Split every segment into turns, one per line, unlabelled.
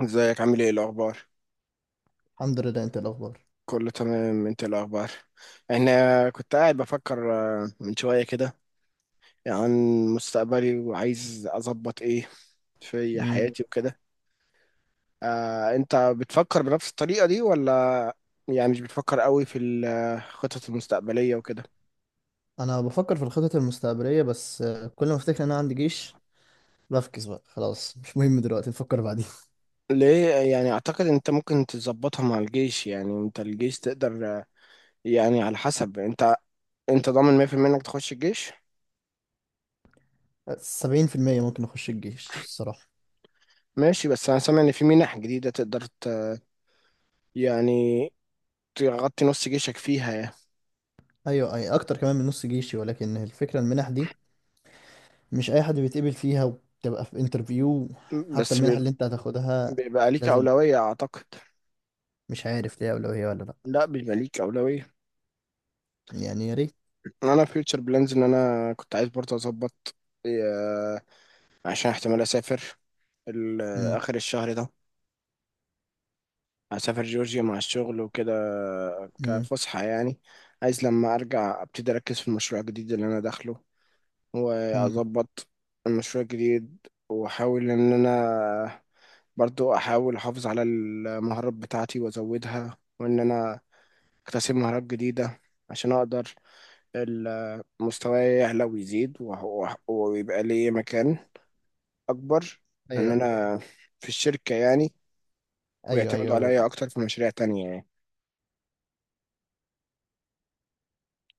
ازيك عامل ايه الاخبار؟
الحمد لله. انت إيه الاخبار؟
كله تمام، انت إيه الاخبار؟ انا كنت قاعد بفكر من شويه كده عن مستقبلي، وعايز اظبط ايه في
مم.
حياتي وكده. انت بتفكر بنفس الطريقه دي، ولا يعني مش بتفكر قوي في الخطط المستقبليه وكده؟
انا بفكر في الخطط المستقبليه بس كل ما افتكر ان انا عندي جيش بفكس بقى. خلاص مش مهم دلوقتي، نفكر بعدين.
ليه؟ يعني اعتقد انت ممكن تظبطها مع الجيش. يعني انت الجيش تقدر، يعني على حسب انت. انت ضامن 100% انك تخش الجيش؟
70% ممكن اخش الجيش الصراحه.
ماشي، بس انا سامع ان في منح جديده تقدر يعني تغطي نص جيشك فيها يعني.
ايوه، اي اكتر كمان من نص جيشي، ولكن الفكره المنح دي مش اي حد بيتقبل فيها، وبتبقى في انترفيو حتى
بس
المنح
بيب-
اللي انت هتاخدها.
بيبقى ليك
لازم.
أولوية أعتقد.
مش عارف ليها اولويه ولا لا.
لا، بيبقى ليك أولوية.
يعني يا ريت.
أنا فيوتشر بلانز إن أنا كنت عايز برضه أظبط. آه، عشان احتمال أسافر ال-
مم.
آخر الشهر ده. هسافر جورجيا مع الشغل وكده،
مم.
كفسحة يعني. عايز لما أرجع أبتدي أركز في المشروع الجديد اللي أنا داخله،
مم.
وأظبط المشروع الجديد. وأحاول إن أنا برضو أحاول أحافظ على المهارات بتاعتي وأزودها، وإن أنا اكتسب مهارات جديدة عشان اقدر مستواي يعلى ويزيد، ويبقى لي مكان اكبر، ان
ايوه.
انا في الشركة يعني.
ايوه
ويعتمدوا
ايوه.
عليا اكتر في مشاريع تانية يعني.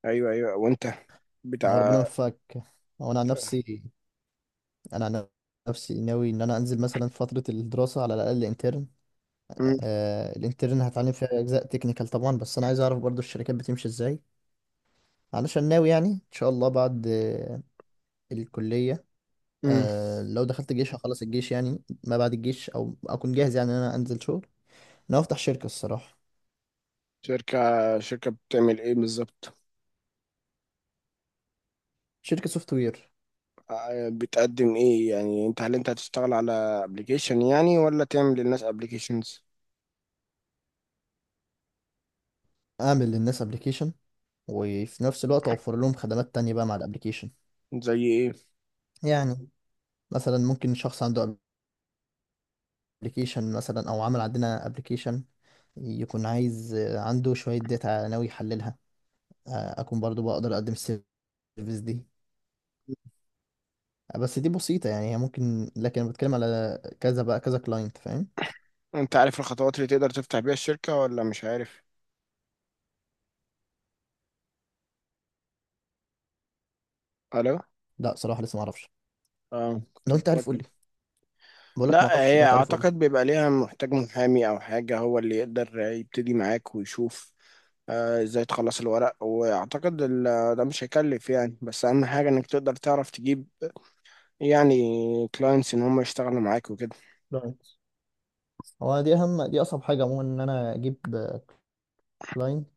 ايوه ايوه، وانت بتاع.
ربنا يوفقك. وانا عن نفسي انا عن ناوي ان انا انزل مثلا في فتره الدراسه على الاقل انترن.
مم.
الانترن هتعلم فيها اجزاء تكنيكال طبعا، بس انا عايز اعرف برضو الشركات بتمشي ازاي، علشان ناوي يعني ان شاء الله بعد الكليه.
مم.
لو دخلت الجيش هخلص الجيش، يعني ما بعد الجيش او اكون جاهز يعني ان انا انزل شغل. انا هفتح شركه الصراحه.
شركة. شركة بتعمل ايه بالظبط؟
شركه سوفت وير.
بتقدم ايه يعني؟ انت هل انت هتشتغل على ابلكيشن يعني، ولا تعمل للناس ابلكيشنز؟
اعمل للناس ابلكيشن، وفي نفس الوقت اوفر لهم خدمات تانية بقى مع الابلكيشن.
زي ايه؟
يعني مثلا ممكن شخص عنده ابلكيشن مثلا، او عمل عندنا ابلكيشن، يكون عايز عنده شوية داتا ناوي يحللها. أكون برضو بقدر أقدم السيرفيس دي. بس دي بسيطة يعني، هي ممكن، لكن أنا بتكلم على كذا بقى كذا كلاينت فاهم.
انت عارف الخطوات اللي تقدر تفتح بيها الشركة، ولا مش عارف؟ الو؟
لا، صراحة لسه معرفش.
اه كنت
لو أنت عارف
بفكر.
قولي. بقولك
لا
معرفش، لو
هي
أنت عارف قولي.
اعتقد بيبقى ليها، محتاج محامي او حاجة هو اللي يقدر يبتدي معاك ويشوف ازاي تخلص الورق. واعتقد ده مش هيكلف يعني، بس اهم حاجة انك تقدر تعرف تجيب يعني كلاينتس ان هم يشتغلوا معاك وكده.
كلاينت. هو دي أهم، دي أصعب حاجة عموما إن أنا أجيب كلاينت.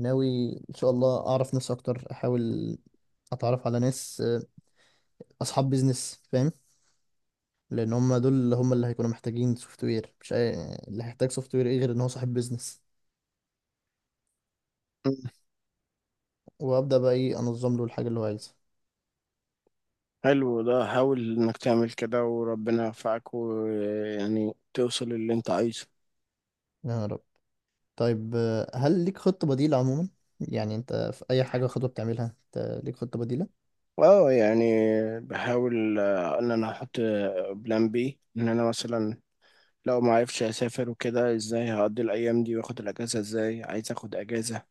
ناوي إن شاء الله أعرف ناس أكتر، أحاول أتعرف على ناس أصحاب بيزنس فاهم. لأن هم دول هم اللي هيكونوا محتاجين سوفت وير، مش اللي هيحتاج سوفت وير إيه غير إن هو صاحب بيزنس.
مم.
وابدا بقى ايه انظم له الحاجه اللي هو عايزها.
حلو، ده حاول انك تعمل كده وربنا يوفقك، ويعني توصل للي انت عايزه.
يا رب. طيب، هل ليك خطه بديله عموما؟ يعني انت في اي حاجه خطوه بتعملها انت ليك خطه بديله؟
اه يعني بحاول ان انا احط بلان بي، ان انا مثلا لو ما عرفش اسافر وكده، ازاي هقضي الايام دي واخد الاجازه؟ ازاي عايز اخد اجازه؟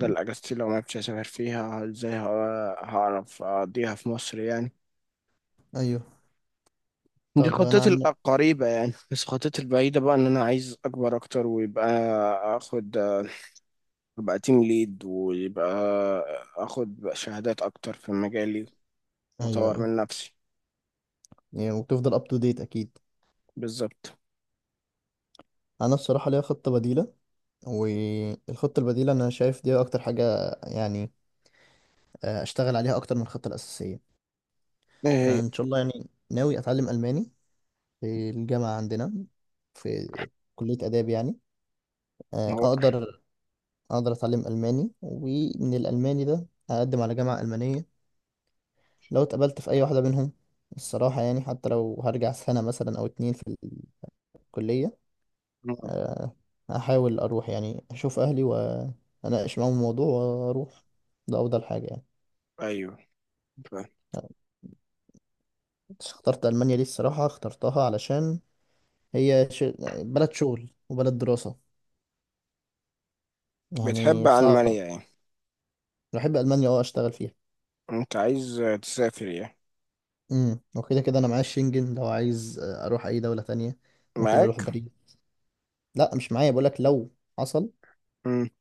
مم.
اجازتي لو ما عرفتش اسافر فيها، ازاي هعرف اقضيها في مصر يعني.
ايوه.
دي
طب انا
خطتي
عن.
القريبة يعني، بس خطتي البعيدة بقى ان انا عايز اكبر اكتر، ويبقى اخد، ابقى تيم ليد، ويبقى اخد شهادات اكتر في مجالي،
ايوه
واطور
ايوه.
من نفسي.
يعني وبتفضل اب تو ديت اكيد.
بالظبط.
انا بصراحه ليا خطه بديله، والخطه البديله انا شايف دي اكتر حاجه يعني اشتغل عليها اكتر من الخطه الاساسيه.
ايه
انا
هي؟
ان شاء الله يعني ناوي اتعلم الماني، في الجامعه عندنا في كليه اداب يعني. آه،
هو.
اقدر اقدر اتعلم الماني، ومن الالماني ده هقدم على جامعة المانية. لو اتقبلت في اي واحدة منهم الصراحة، يعني حتى لو هرجع سنة مثلا او اتنين في الكلية. آه، هحاول اروح يعني اشوف اهلي واناقش معاهم الموضوع واروح. ده افضل حاجة يعني.
ايوه. ف-.
اخترت المانيا دي الصراحة اخترتها علشان هي بلد شغل وبلد دراسة.
بتحب
يعني
المانيا
صعب.
يعني؟
بحب المانيا، اشتغل فيها.
انت عايز تسافر يعني؟
وكده كده انا معايا الشنجن لو عايز اروح اي دولة تانية، ممكن اروح
معاك؟
باريس. لا، مش معايا، بقول لك لو حصل،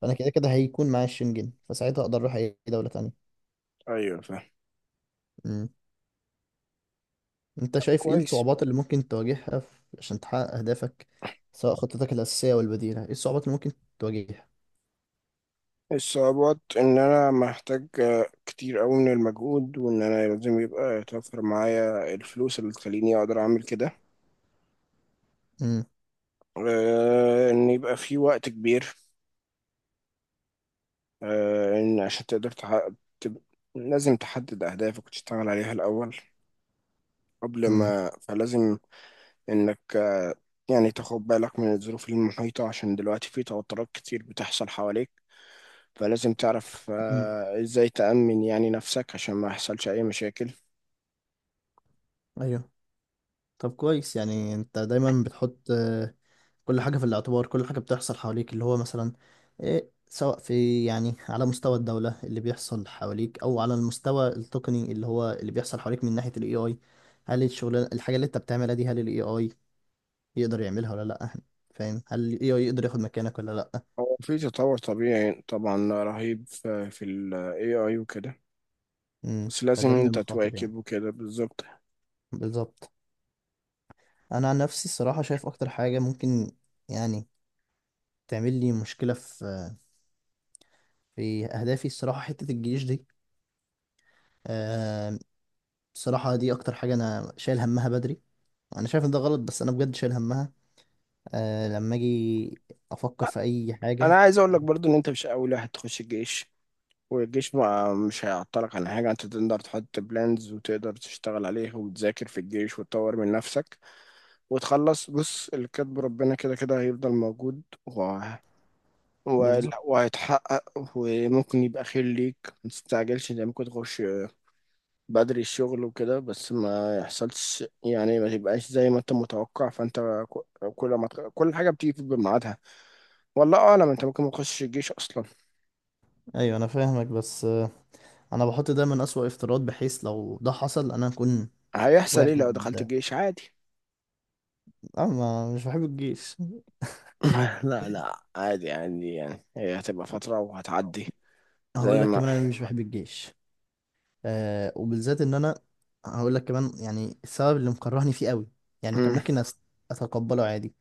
فانا كده كده هيكون معايا الشنجن، فساعتها اقدر اروح اي دولة تانية.
ايوه فاهم.
امم. انت شايف ايه
كويس.
الصعوبات اللي ممكن تواجهها عشان تحقق اهدافك؟ سواء خطتك الاساسية والبديلة، ايه الصعوبات اللي ممكن تواجهها؟
الصعوبات ان انا محتاج كتير قوي من المجهود، وان انا لازم يبقى يتوفر معايا الفلوس اللي تخليني اقدر اعمل كده.
امم.
ان يبقى في وقت كبير. ان عشان تقدر تحقق، تب- لازم تحدد اهدافك وتشتغل عليها الاول قبل
امم.
ما. فلازم انك، يعني تاخد بالك من الظروف المحيطة، عشان دلوقتي في توترات كتير بتحصل حواليك. فلازم تعرف
امم.
ازاي تأمن يعني نفسك عشان ما يحصلش اي مشاكل.
ايوه. طب كويس. يعني انت دايما بتحط كل حاجة في الاعتبار، كل حاجة بتحصل حواليك، اللي هو مثلا إيه، سواء في يعني على مستوى الدولة اللي بيحصل حواليك، أو على المستوى التقني اللي هو اللي بيحصل حواليك من ناحية ال AI. هل الشغلانة الحاجة اللي أنت بتعملها دي، هل ال AI يقدر يعملها ولا لأ؟ فاهم، هل ال AI يقدر ياخد مكانك ولا لأ؟
هو في تطور طبيعي طبعا رهيب في ال AI وكده،
مم.
بس لازم
فده من
انت
المخاطر يعني.
تواكب وكده. بالظبط.
بالظبط. أنا عن نفسي الصراحة شايف أكتر حاجة ممكن يعني تعمل لي مشكلة في أهدافي، الصراحة حتة الجيش دي. آه، الصراحة دي أكتر حاجة أنا شايل همها بدري. انا شايف ان ده غلط، بس انا بجد شايل همها لما اجي افكر
أ-
في اي
انا
حاجه.
عايز اقول لك برضو ان انت مش اول واحد تخش الجيش، والجيش ما مش هيعطلك عن حاجة. انت تقدر تحط بلانز وتقدر تشتغل عليها، وتذاكر في الجيش وتطور من نفسك وتخلص. بص، اللي كاتبه ربنا كده كده هيفضل موجود
بالظبط.
وهيتحقق، وممكن يبقى خير ليك. ما تستعجلش، انت ممكن تخش بدري الشغل وكده، بس ما يحصلش يعني، ما تبقاش زي ما انت متوقع. فانت كل ما كل حاجه بتيجي في ميعادها. والله اعلم، انت ممكن ما تخشش الجيش اصلا.
ايوه انا فاهمك، بس انا بحط دايما اسوأ افتراض، بحيث لو ده حصل انا اكون
هيحصل ايه لو
واخد.
دخلت الجيش؟ عادي.
اه ما مش بحب الجيش.
لا لا، عادي عادي يعني، هي هتبقى فتره وهتعدي
هقول
زي
لك
ما.
كمان انا مش بحب الجيش. وبالذات ان انا هقول لك كمان يعني السبب اللي مكرهني فيه قوي. يعني كان
مم.
ممكن اتقبله عادي،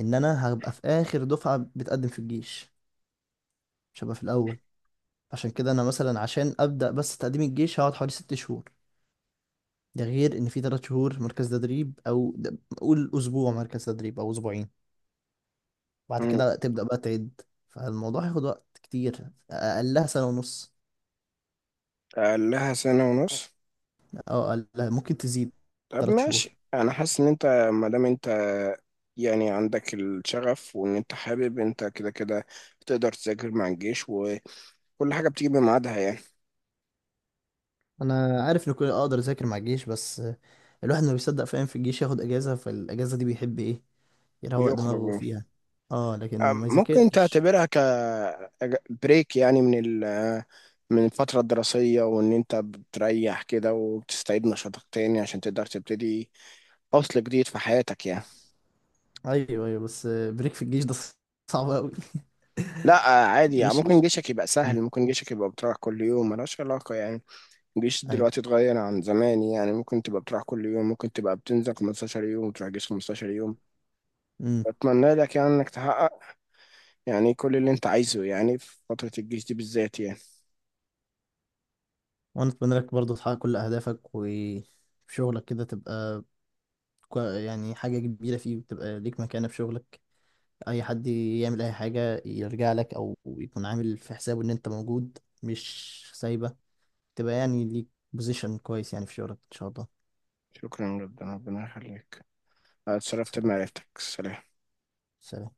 ان انا هبقى في اخر دفعه بتقدم في الجيش، مش هبقى في الاول. عشان كده انا مثلا، عشان ابدا بس تقديم الجيش هقعد حوالي 6 شهور. ده غير ان في 3 شهور مركز تدريب، او قول اسبوع مركز تدريب او اسبوعين. بعد
مم.
كده تبدا بقى تعد. فالموضوع هياخد وقت كتير، اقلها سنه ونص،
قال لها سنه ونص.
او اقلها ممكن تزيد
طب
ثلاث
ماشي،
شهور
انا حاسس ان انت، ما دام انت يعني عندك الشغف وان انت حابب، انت كده كده تقدر تذاكر مع الجيش، وكل حاجه بتيجي بميعادها يعني.
انا عارف ان كل اقدر اذاكر مع الجيش، بس الواحد ما بيصدق فاهم في الجيش ياخد اجازه، فالاجازه دي بيحب ايه يروق دماغه
يخرجوا.
فيها. اه لكن ما
ممكن
يذاكرش.
تعتبرها ك بريك يعني، من ال من الفترة الدراسية، وإن أنت بتريح كده وبتستعيد نشاطك تاني عشان تقدر تبتدي فصل جديد في حياتك يعني.
ايوه ايوه، بس بريك في الجيش ده صعب قوي.
لا عادي يعني،
مش
ممكن
مش
جيشك يبقى
مم.
سهل، ممكن جيشك يبقى بتروح كل يوم، ملهاش علاقة يعني. الجيش
ايوه.
دلوقتي اتغير عن زمان يعني، ممكن تبقى بتروح كل يوم، ممكن تبقى بتنزل 15 يوم وتروح جيش 15 يوم.
مم.
أتمنى لك يعني إنك تحقق يعني كل اللي أنت عايزه يعني، في فترة الجيش دي بالذات يعني.
وانا اتمنى لك برضه تحقق كل اهدافك، وفي شغلك كده تبقى يعني حاجة كبيرة فيه، وتبقى ليك مكانة في شغلك. اي حد يعمل اي حاجة يرجع لك، او يكون عامل في حسابه ان انت موجود مش سايبة. تبقى يعني ليك بوزيشن كويس يعني في شغلك ان شاء الله.
شكرا جدا، ربنا يخليك. أنا اتشرفت
سلام.
بمعرفتك. سلام.
سلام.